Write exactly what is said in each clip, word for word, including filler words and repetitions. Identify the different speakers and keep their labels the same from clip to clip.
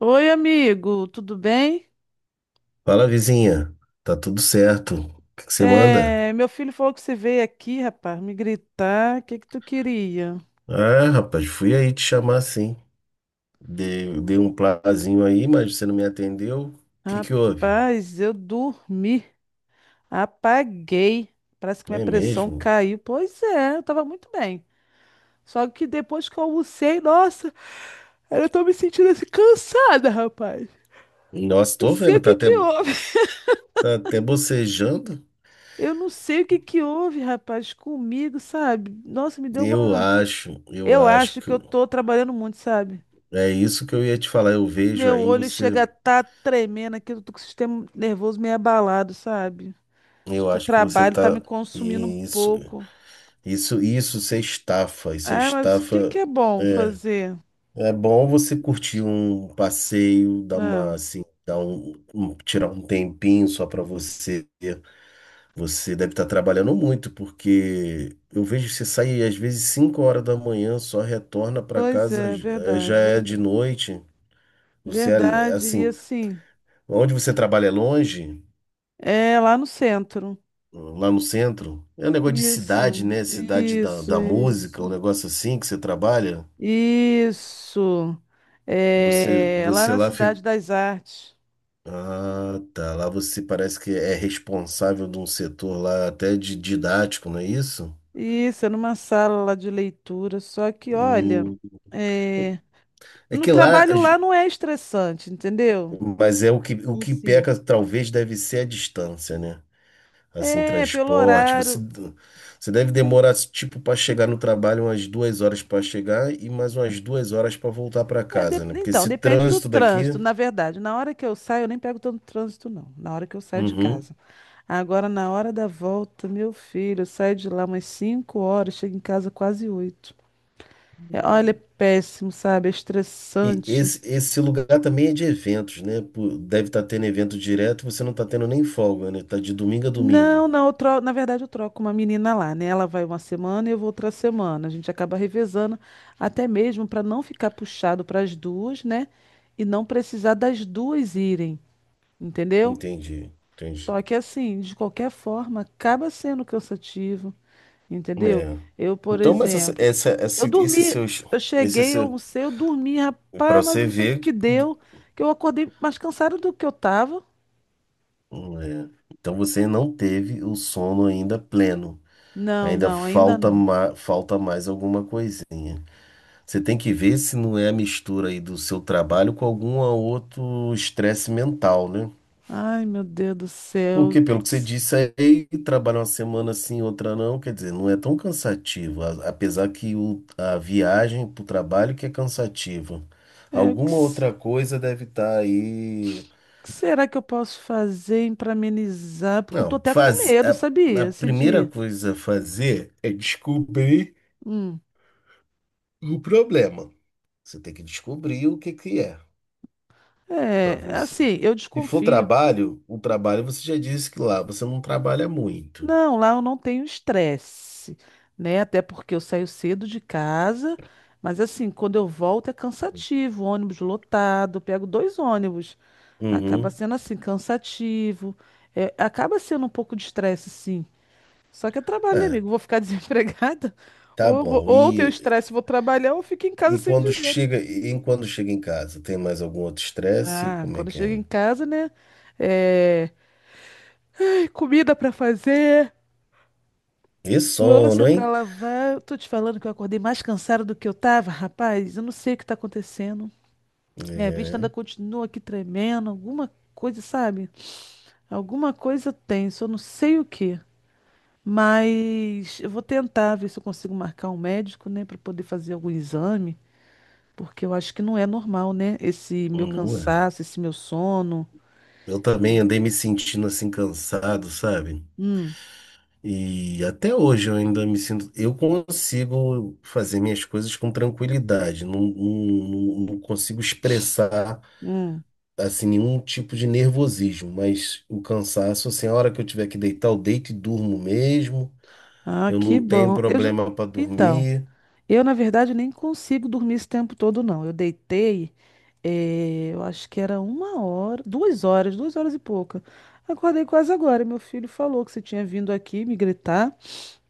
Speaker 1: Oi, amigo, tudo bem?
Speaker 2: Fala, vizinha. Tá tudo certo. O que que você manda?
Speaker 1: É, meu filho falou que você veio aqui, rapaz, me gritar. O que que tu queria?
Speaker 2: Ah, rapaz, fui aí te chamar sim. Dei, dei um plazinho aí, mas você não me atendeu. O que que houve?
Speaker 1: Rapaz, eu dormi, apaguei. Parece que minha
Speaker 2: É
Speaker 1: pressão
Speaker 2: mesmo?
Speaker 1: caiu. Pois é, eu tava muito bem. Só que depois que eu almocei, nossa, eu tô me sentindo assim cansada, rapaz.
Speaker 2: Nossa,
Speaker 1: Não
Speaker 2: tô
Speaker 1: sei o
Speaker 2: vendo, tá
Speaker 1: que
Speaker 2: até,
Speaker 1: que houve.
Speaker 2: tá até bocejando.
Speaker 1: Eu não sei o que que houve, rapaz, comigo, sabe? Nossa, me deu
Speaker 2: Eu
Speaker 1: uma.
Speaker 2: acho, eu
Speaker 1: Eu
Speaker 2: acho
Speaker 1: acho
Speaker 2: que
Speaker 1: que eu tô trabalhando muito, sabe?
Speaker 2: é isso que eu ia te falar. Eu vejo
Speaker 1: Meu
Speaker 2: aí
Speaker 1: olho
Speaker 2: você,
Speaker 1: chega a tá tremendo aqui, eu tô com o sistema nervoso meio abalado, sabe? Acho
Speaker 2: eu
Speaker 1: que o
Speaker 2: acho que você
Speaker 1: trabalho tá me
Speaker 2: tá
Speaker 1: consumindo um
Speaker 2: isso,
Speaker 1: pouco.
Speaker 2: isso, isso, isso é estafa, isso é
Speaker 1: É, mas o que que
Speaker 2: estafa.
Speaker 1: é bom
Speaker 2: é,
Speaker 1: fazer?
Speaker 2: É bom você curtir um passeio, dar uma
Speaker 1: Não.
Speaker 2: assim, dar um, um- tirar um tempinho só para você. Você deve estar trabalhando muito, porque eu vejo você sair às vezes cinco horas da manhã, só retorna para
Speaker 1: Pois
Speaker 2: casa,
Speaker 1: é,
Speaker 2: eh, já
Speaker 1: verdade, ver-
Speaker 2: é de noite. Você é
Speaker 1: verdade. E
Speaker 2: assim,
Speaker 1: assim,
Speaker 2: onde você trabalha é longe,
Speaker 1: é lá no centro.
Speaker 2: lá no centro. É um negócio de cidade,
Speaker 1: Isso,
Speaker 2: né? Cidade da,
Speaker 1: isso,
Speaker 2: da música, um
Speaker 1: isso.
Speaker 2: negócio assim que você trabalha.
Speaker 1: Isso.
Speaker 2: Você,
Speaker 1: É, lá
Speaker 2: você
Speaker 1: na
Speaker 2: lá
Speaker 1: Cidade das Artes.
Speaker 2: Ah, tá. Lá você parece que é responsável de um setor lá até de didático, não é isso?
Speaker 1: Isso, é numa sala lá de leitura. Só que, olha,
Speaker 2: Hum.
Speaker 1: é.
Speaker 2: É
Speaker 1: No
Speaker 2: que lá,
Speaker 1: trabalho lá não é estressante, entendeu?
Speaker 2: mas é o que, o
Speaker 1: Em
Speaker 2: que
Speaker 1: si.
Speaker 2: peca talvez deve ser a distância, né? Assim,
Speaker 1: É, pelo
Speaker 2: transporte. Você,
Speaker 1: horário.
Speaker 2: você deve demorar, tipo, para chegar no trabalho umas duas horas para chegar e mais umas duas horas para voltar para
Speaker 1: É, de-
Speaker 2: casa, né? Porque
Speaker 1: Então,
Speaker 2: esse
Speaker 1: depende do
Speaker 2: trânsito
Speaker 1: trânsito,
Speaker 2: daqui.
Speaker 1: na verdade. Na hora que eu saio, eu nem pego tanto trânsito, não. Na hora que eu saio de
Speaker 2: Uhum.
Speaker 1: casa. Agora, na hora da volta, meu filho, eu saio de lá umas cinco horas, chego em casa quase oito. É, olha, é péssimo, sabe? É
Speaker 2: E
Speaker 1: estressante.
Speaker 2: esse, esse lugar também é de eventos, né? Pô, deve estar tendo evento direto, você não está tendo nem folga, né? Tá de domingo a domingo.
Speaker 1: Não, não, eu tro... na verdade eu troco uma menina lá, né? Ela vai uma semana e eu vou outra semana. A gente acaba revezando, até mesmo para não ficar puxado para as duas, né? E não precisar das duas irem, entendeu?
Speaker 2: Entendi, entendi.
Speaker 1: Só que assim, de qualquer forma, acaba sendo cansativo, entendeu?
Speaker 2: É.
Speaker 1: Eu, por
Speaker 2: Então, mas essa,
Speaker 1: exemplo,
Speaker 2: essa,
Speaker 1: eu
Speaker 2: esse, esse
Speaker 1: dormi,
Speaker 2: seu,
Speaker 1: eu
Speaker 2: esse
Speaker 1: cheguei, eu
Speaker 2: seu,
Speaker 1: almocei, eu dormi,
Speaker 2: para
Speaker 1: rapaz, mas
Speaker 2: você
Speaker 1: eu não sei o
Speaker 2: ver,
Speaker 1: que
Speaker 2: do-
Speaker 1: deu, que eu acordei mais cansado do que eu tava.
Speaker 2: é. Então você não teve o sono ainda pleno.
Speaker 1: Não,
Speaker 2: Ainda
Speaker 1: não, ainda
Speaker 2: falta,
Speaker 1: não.
Speaker 2: ma, falta mais alguma coisinha. Você tem que ver se não é a mistura aí do seu trabalho com algum outro estresse mental, né?
Speaker 1: Ai, meu Deus do céu. O
Speaker 2: Porque,
Speaker 1: que,
Speaker 2: pelo que
Speaker 1: que,
Speaker 2: você
Speaker 1: se-
Speaker 2: disse aí, trabalhar uma semana sim, outra não, quer dizer, não é tão cansativo, a- apesar que o, a viagem para o trabalho que é cansativa.
Speaker 1: é, o que,
Speaker 2: Alguma
Speaker 1: se-
Speaker 2: outra coisa deve estar aí.
Speaker 1: O que será que eu posso fazer para amenizar? Porque eu tô
Speaker 2: Não,
Speaker 1: até com
Speaker 2: faz,
Speaker 1: medo,
Speaker 2: a, a
Speaker 1: sabia? Assim,
Speaker 2: primeira
Speaker 1: de.
Speaker 2: coisa a fazer é descobrir
Speaker 1: Hum.
Speaker 2: o problema. Você tem que descobrir o que que é para
Speaker 1: É,
Speaker 2: você.
Speaker 1: assim, eu
Speaker 2: Se for
Speaker 1: desconfio.
Speaker 2: trabalho, o trabalho você já disse que lá você não trabalha muito.
Speaker 1: Não, lá eu não tenho estresse, né? Até porque eu saio cedo de casa, mas assim, quando eu volto é cansativo, ônibus lotado, eu pego dois ônibus, acaba
Speaker 2: Uhum.
Speaker 1: sendo assim, cansativo. É, acaba sendo um pouco de estresse, sim. Só que é trabalho, né,
Speaker 2: É,
Speaker 1: amigo. Vou ficar desempregada,
Speaker 2: tá
Speaker 1: ou eu vou,
Speaker 2: bom.
Speaker 1: ou eu tenho
Speaker 2: E
Speaker 1: estresse, vou trabalhar, ou fico em casa
Speaker 2: E
Speaker 1: sem
Speaker 2: quando
Speaker 1: dinheiro.
Speaker 2: chega, e quando chega em casa, tem mais algum outro estresse?
Speaker 1: Ah,
Speaker 2: Como é
Speaker 1: quando eu
Speaker 2: que
Speaker 1: chego
Speaker 2: é?
Speaker 1: em casa, né? É... Comida pra fazer,
Speaker 2: E sono,
Speaker 1: louça pra
Speaker 2: hein?
Speaker 1: lavar. Eu tô te falando que eu acordei mais cansada do que eu tava, rapaz. Eu não sei o que tá acontecendo. Minha vista ainda
Speaker 2: É,
Speaker 1: continua aqui tremendo. Alguma coisa, sabe? Alguma coisa tem, só não sei o que. Mas eu vou tentar ver se eu consigo marcar um médico, né, pra poder fazer algum exame. Porque eu acho que não é normal, né? Esse meu
Speaker 2: não é.
Speaker 1: cansaço, esse meu sono.
Speaker 2: Eu também andei me sentindo assim cansado, sabe?
Speaker 1: Hum,
Speaker 2: E até hoje eu ainda me sinto. Eu consigo fazer minhas coisas com tranquilidade, não, não, não consigo expressar
Speaker 1: hum.
Speaker 2: assim nenhum tipo de nervosismo, mas o cansaço, assim, a hora que eu tiver que deitar, eu deito e durmo mesmo.
Speaker 1: Ah,
Speaker 2: Eu
Speaker 1: que
Speaker 2: não tenho
Speaker 1: bom. Eu já-
Speaker 2: problema para
Speaker 1: Então,
Speaker 2: dormir.
Speaker 1: eu na verdade nem consigo dormir esse tempo todo, não. Eu deitei, eh, eu acho que era uma hora, duas horas, duas horas e pouca. Acordei quase agora. Meu filho falou que você tinha vindo aqui me gritar.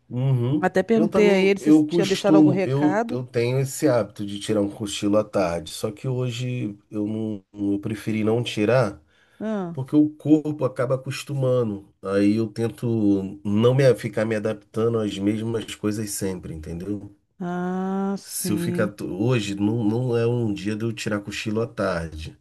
Speaker 2: Uhum.
Speaker 1: Até
Speaker 2: Eu
Speaker 1: perguntei a
Speaker 2: também,
Speaker 1: ele se
Speaker 2: eu
Speaker 1: tinha deixado algum
Speaker 2: costumo, eu,
Speaker 1: recado.
Speaker 2: eu tenho esse hábito de tirar um cochilo à tarde, só que hoje eu não, eu preferi não tirar,
Speaker 1: Ah,
Speaker 2: porque o corpo acaba acostumando. Aí eu tento não me, ficar me adaptando às mesmas coisas sempre, entendeu?
Speaker 1: ah,
Speaker 2: Se eu ficar,
Speaker 1: sim.
Speaker 2: to- hoje não, não é um dia de eu tirar cochilo à tarde.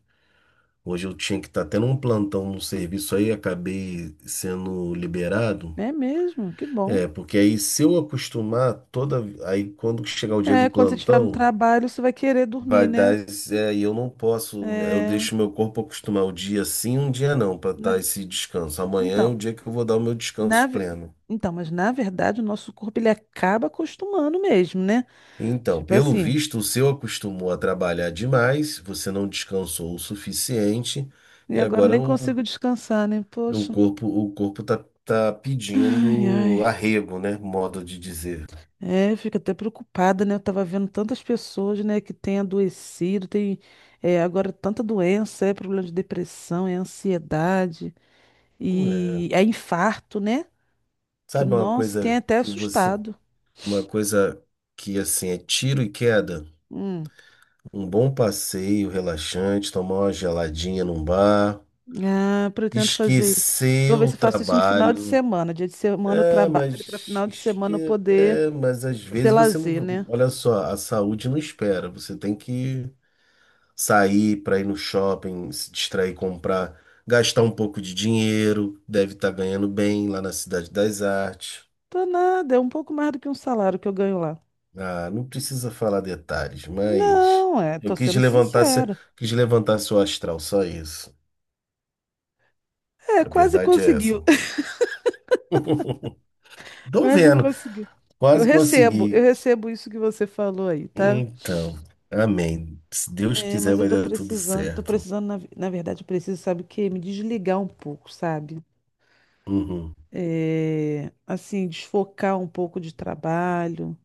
Speaker 2: Hoje eu tinha que estar tendo um plantão no serviço aí, acabei sendo liberado.
Speaker 1: É mesmo? Que bom.
Speaker 2: É, porque aí se eu acostumar toda. Aí quando chegar o dia do
Speaker 1: É, quando você estiver no
Speaker 2: plantão,
Speaker 1: trabalho, você vai querer dormir,
Speaker 2: vai
Speaker 1: né?
Speaker 2: dar. esse- É, e eu não posso. Eu
Speaker 1: É,
Speaker 2: deixo meu corpo acostumar o dia sim, um dia não, para
Speaker 1: na
Speaker 2: dar
Speaker 1: ve-
Speaker 2: esse descanso. Amanhã é o
Speaker 1: então,
Speaker 2: dia que eu vou dar o meu
Speaker 1: na,
Speaker 2: descanso
Speaker 1: ve-
Speaker 2: pleno.
Speaker 1: então, mas na verdade o nosso corpo ele acaba acostumando mesmo, né?
Speaker 2: Então,
Speaker 1: Tipo
Speaker 2: pelo
Speaker 1: assim,
Speaker 2: visto, o seu acostumou a trabalhar demais, você não descansou o suficiente,
Speaker 1: e
Speaker 2: e
Speaker 1: agora eu
Speaker 2: agora
Speaker 1: nem
Speaker 2: o,
Speaker 1: consigo descansar, né?
Speaker 2: o
Speaker 1: Poxa,
Speaker 2: corpo, o corpo tá, tá
Speaker 1: ai,
Speaker 2: pedindo
Speaker 1: ai.
Speaker 2: arrego, né? Modo de dizer.
Speaker 1: É, eu fico até preocupada, né? Eu tava vendo tantas pessoas, né, que têm adoecido, tem é, agora tanta doença, é problema de depressão, é ansiedade,
Speaker 2: É,
Speaker 1: e é infarto, né? Que,
Speaker 2: sabe uma
Speaker 1: nossa, tem
Speaker 2: coisa
Speaker 1: até
Speaker 2: que você.
Speaker 1: assustado.
Speaker 2: Uma coisa que assim é tiro e queda,
Speaker 1: Hum.
Speaker 2: um bom passeio relaxante, tomar uma geladinha num bar,
Speaker 1: Ah, pretendo fazer. Eu vou
Speaker 2: esquecer
Speaker 1: ver
Speaker 2: o
Speaker 1: se eu faço isso no final de
Speaker 2: trabalho.
Speaker 1: semana. Dia de semana eu
Speaker 2: É,
Speaker 1: trabalho, para
Speaker 2: mas
Speaker 1: final de semana eu
Speaker 2: esque-
Speaker 1: poder
Speaker 2: é, mas às
Speaker 1: ser
Speaker 2: vezes você não,
Speaker 1: lazer, né?
Speaker 2: olha só, a saúde não espera. Você tem que sair para ir no shopping, se distrair, comprar, gastar um pouco de dinheiro, deve estar ganhando bem lá na Cidade das Artes.
Speaker 1: Tô nada, é um pouco mais do que um salário que eu ganho lá.
Speaker 2: Ah, não precisa falar detalhes, mas
Speaker 1: Não, é,
Speaker 2: eu
Speaker 1: tô
Speaker 2: quis
Speaker 1: sendo
Speaker 2: levantar, se-
Speaker 1: sincera.
Speaker 2: quis levantar seu astral, só isso.
Speaker 1: É,
Speaker 2: A
Speaker 1: quase
Speaker 2: verdade é essa.
Speaker 1: conseguiu.
Speaker 2: Tô
Speaker 1: Quase
Speaker 2: vendo,
Speaker 1: conseguiu. Eu
Speaker 2: quase
Speaker 1: recebo, eu
Speaker 2: consegui.
Speaker 1: recebo isso que você falou aí, tá?
Speaker 2: Então, amém. Se Deus
Speaker 1: É,
Speaker 2: quiser,
Speaker 1: mas eu
Speaker 2: vai
Speaker 1: tô
Speaker 2: dar tudo
Speaker 1: precisando, tô
Speaker 2: certo.
Speaker 1: precisando, na, na verdade, eu preciso, sabe o quê? Me desligar um pouco, sabe?
Speaker 2: Uhum,
Speaker 1: É, assim, desfocar um pouco de trabalho.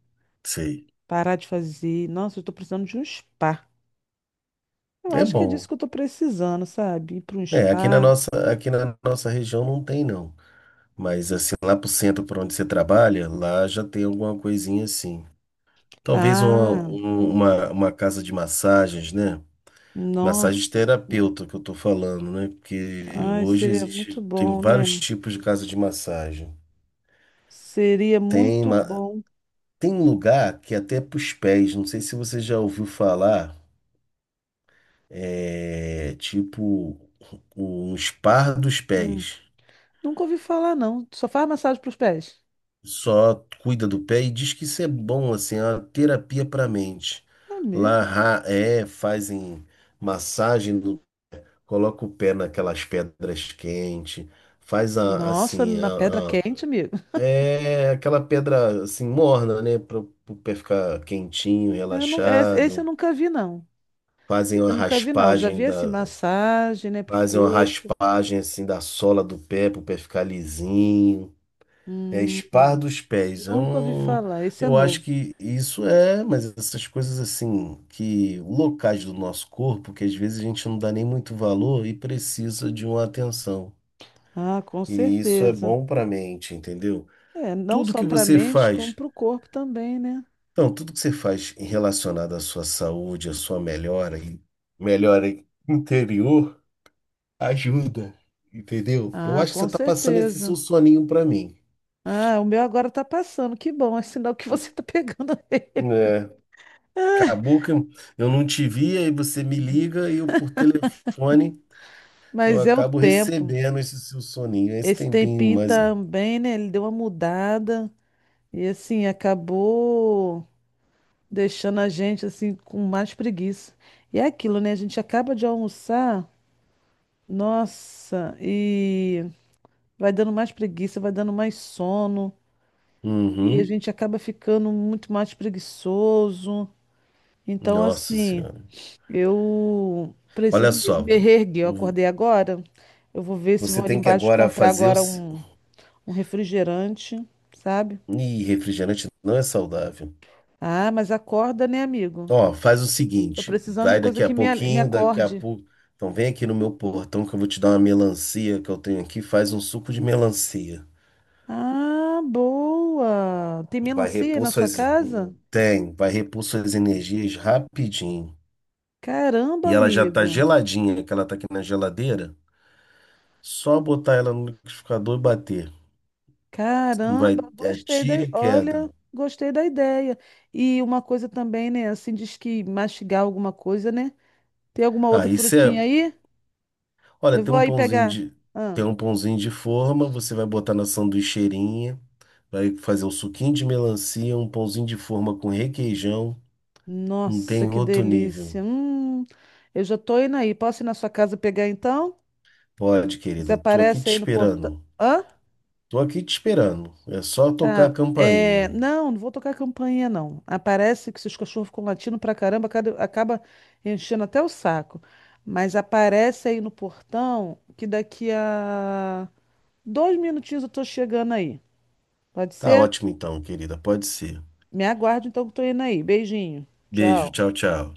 Speaker 2: sei.
Speaker 1: Parar de fazer. Nossa, eu tô precisando de um spa. Eu
Speaker 2: É
Speaker 1: acho que é disso
Speaker 2: bom.
Speaker 1: que eu tô precisando, sabe? Ir para um
Speaker 2: É, aqui na
Speaker 1: spa.
Speaker 2: nossa, aqui na nossa região não tem, não. Mas assim, lá pro centro por onde você trabalha, lá já tem alguma coisinha assim. Talvez uma,
Speaker 1: Ah,
Speaker 2: um- uma, uma casa de massagens, né? Massagem
Speaker 1: nossa.
Speaker 2: terapeuta que eu tô falando, né? Porque
Speaker 1: Ai,
Speaker 2: hoje
Speaker 1: seria muito
Speaker 2: existe, tem
Speaker 1: bom,
Speaker 2: vários
Speaker 1: né?
Speaker 2: tipos de casa de massagem.
Speaker 1: Seria
Speaker 2: Tem,
Speaker 1: muito
Speaker 2: ma-
Speaker 1: bom.
Speaker 2: tem lugar que é até pros pés, não sei se você já ouviu falar, é tipo um spa dos
Speaker 1: Hum.
Speaker 2: pés.
Speaker 1: Nunca ouvi falar, não. Só faz massagem pros pés.
Speaker 2: Só cuida do pé e diz que isso é bom, assim, é uma terapia para mente.
Speaker 1: É
Speaker 2: Lá
Speaker 1: mesmo?
Speaker 2: ra- é, fazem massagem, no- coloca o pé naquelas pedras quentes faz a,
Speaker 1: Nossa,
Speaker 2: assim
Speaker 1: na pedra
Speaker 2: a,
Speaker 1: quente, amigo.
Speaker 2: é aquela pedra assim morna, né? Para o pé ficar quentinho,
Speaker 1: Eu não, es- Esse eu
Speaker 2: relaxado.
Speaker 1: nunca vi, não.
Speaker 2: Fazem
Speaker 1: Esse
Speaker 2: uma
Speaker 1: eu nunca vi, não. Já
Speaker 2: raspagem
Speaker 1: vi assim,
Speaker 2: da,
Speaker 1: massagem, né, pro
Speaker 2: fazem uma
Speaker 1: corpo.
Speaker 2: raspagem assim da sola do pé para o pé ficar lisinho. É
Speaker 1: Hum,
Speaker 2: espar
Speaker 1: hum.
Speaker 2: dos pés. É
Speaker 1: Nunca ouvi
Speaker 2: um,
Speaker 1: falar. Esse é
Speaker 2: eu acho
Speaker 1: novo.
Speaker 2: que isso é, mas essas coisas assim que locais do nosso corpo que às vezes a gente não dá nem muito valor e precisa de uma atenção.
Speaker 1: Ah, com
Speaker 2: E isso é
Speaker 1: certeza.
Speaker 2: bom para a mente, entendeu?
Speaker 1: É, não
Speaker 2: Tudo
Speaker 1: só
Speaker 2: que
Speaker 1: para a
Speaker 2: você
Speaker 1: mente, como
Speaker 2: faz
Speaker 1: para o corpo também, né?
Speaker 2: Então, tudo que você faz em relacionado à sua saúde, à sua melhora e melhora interior, ajuda, entendeu? Eu
Speaker 1: Ah,
Speaker 2: acho que
Speaker 1: com
Speaker 2: você tá passando esse
Speaker 1: certeza.
Speaker 2: seu soninho pra mim.
Speaker 1: Ah, o meu agora tá passando. Que bom, é sinal que você tá pegando.
Speaker 2: É,
Speaker 1: Ah,
Speaker 2: acabou que eu não te via e você me liga e eu por telefone eu
Speaker 1: mas é o
Speaker 2: acabo
Speaker 1: tempo.
Speaker 2: recebendo esse seu soninho, esse
Speaker 1: Esse
Speaker 2: tempinho
Speaker 1: tempinho
Speaker 2: mais. Um.
Speaker 1: também, né? Ele deu uma mudada e assim acabou deixando a gente assim com mais preguiça. E é aquilo, né? A gente acaba de almoçar, nossa, e vai dando mais preguiça, vai dando mais sono e a
Speaker 2: Uhum.
Speaker 1: gente acaba ficando muito mais preguiçoso. Então,
Speaker 2: Nossa
Speaker 1: assim,
Speaker 2: Senhora.
Speaker 1: eu
Speaker 2: Olha
Speaker 1: preciso mesmo
Speaker 2: só,
Speaker 1: me reerguer. Eu
Speaker 2: o-
Speaker 1: acordei agora. Eu vou ver se vou
Speaker 2: você
Speaker 1: ali
Speaker 2: tem que
Speaker 1: embaixo
Speaker 2: agora
Speaker 1: comprar
Speaker 2: fazer o.
Speaker 1: agora
Speaker 2: se-
Speaker 1: um, um refrigerante, sabe?
Speaker 2: Ih, refrigerante não é saudável.
Speaker 1: Ah, mas acorda, né, amigo?
Speaker 2: Ó, faz o
Speaker 1: Tô
Speaker 2: seguinte,
Speaker 1: precisando de
Speaker 2: vai
Speaker 1: coisa
Speaker 2: daqui a
Speaker 1: que me, a- me
Speaker 2: pouquinho, daqui a
Speaker 1: acorde.
Speaker 2: pouco. Então vem aqui no meu portão que eu vou te dar uma melancia que eu tenho aqui, faz um suco de melancia.
Speaker 1: Ah, boa! Tem
Speaker 2: Vai
Speaker 1: melancia aí
Speaker 2: repor
Speaker 1: na sua
Speaker 2: suas.
Speaker 1: casa?
Speaker 2: Tem, vai repor suas energias rapidinho.
Speaker 1: Caramba,
Speaker 2: E ela já tá
Speaker 1: amigo!
Speaker 2: geladinha, que ela tá aqui na geladeira. Só botar ela no liquidificador e bater. Não Vai,
Speaker 1: Caramba,
Speaker 2: é
Speaker 1: gostei da.
Speaker 2: tiro e queda.
Speaker 1: Olha, gostei da ideia. E uma coisa também, né? Assim, diz que mastigar alguma coisa, né? Tem alguma
Speaker 2: Ah,
Speaker 1: outra
Speaker 2: isso é.
Speaker 1: frutinha aí?
Speaker 2: Olha,
Speaker 1: Eu
Speaker 2: tem
Speaker 1: vou
Speaker 2: um
Speaker 1: aí
Speaker 2: pãozinho
Speaker 1: pegar.
Speaker 2: de.
Speaker 1: Ah,
Speaker 2: Tem um pãozinho de forma, você vai botar na sanduicheirinha. Vai fazer um suquinho de melancia, um pãozinho de forma com requeijão. Não
Speaker 1: nossa,
Speaker 2: tem
Speaker 1: que
Speaker 2: outro nível.
Speaker 1: delícia. Hum, eu já tô indo aí. Posso ir na sua casa pegar então?
Speaker 2: Pode,
Speaker 1: Você
Speaker 2: querida. Eu Tô aqui
Speaker 1: aparece
Speaker 2: te
Speaker 1: aí no portão.
Speaker 2: esperando.
Speaker 1: Hã?
Speaker 2: Tô aqui te esperando. É só tocar a
Speaker 1: Ah, é,
Speaker 2: campainha.
Speaker 1: não, não vou tocar campainha, não. Aparece que se os cachorros ficam latindo pra caramba, cada- acaba enchendo até o saco. Mas aparece aí no portão que daqui a dois minutinhos eu tô chegando aí. Pode
Speaker 2: Tá
Speaker 1: ser?
Speaker 2: ótimo então, querida. Pode ser.
Speaker 1: Me aguarde então que eu tô indo aí. Beijinho.
Speaker 2: Beijo.
Speaker 1: Tchau.
Speaker 2: Tchau, tchau.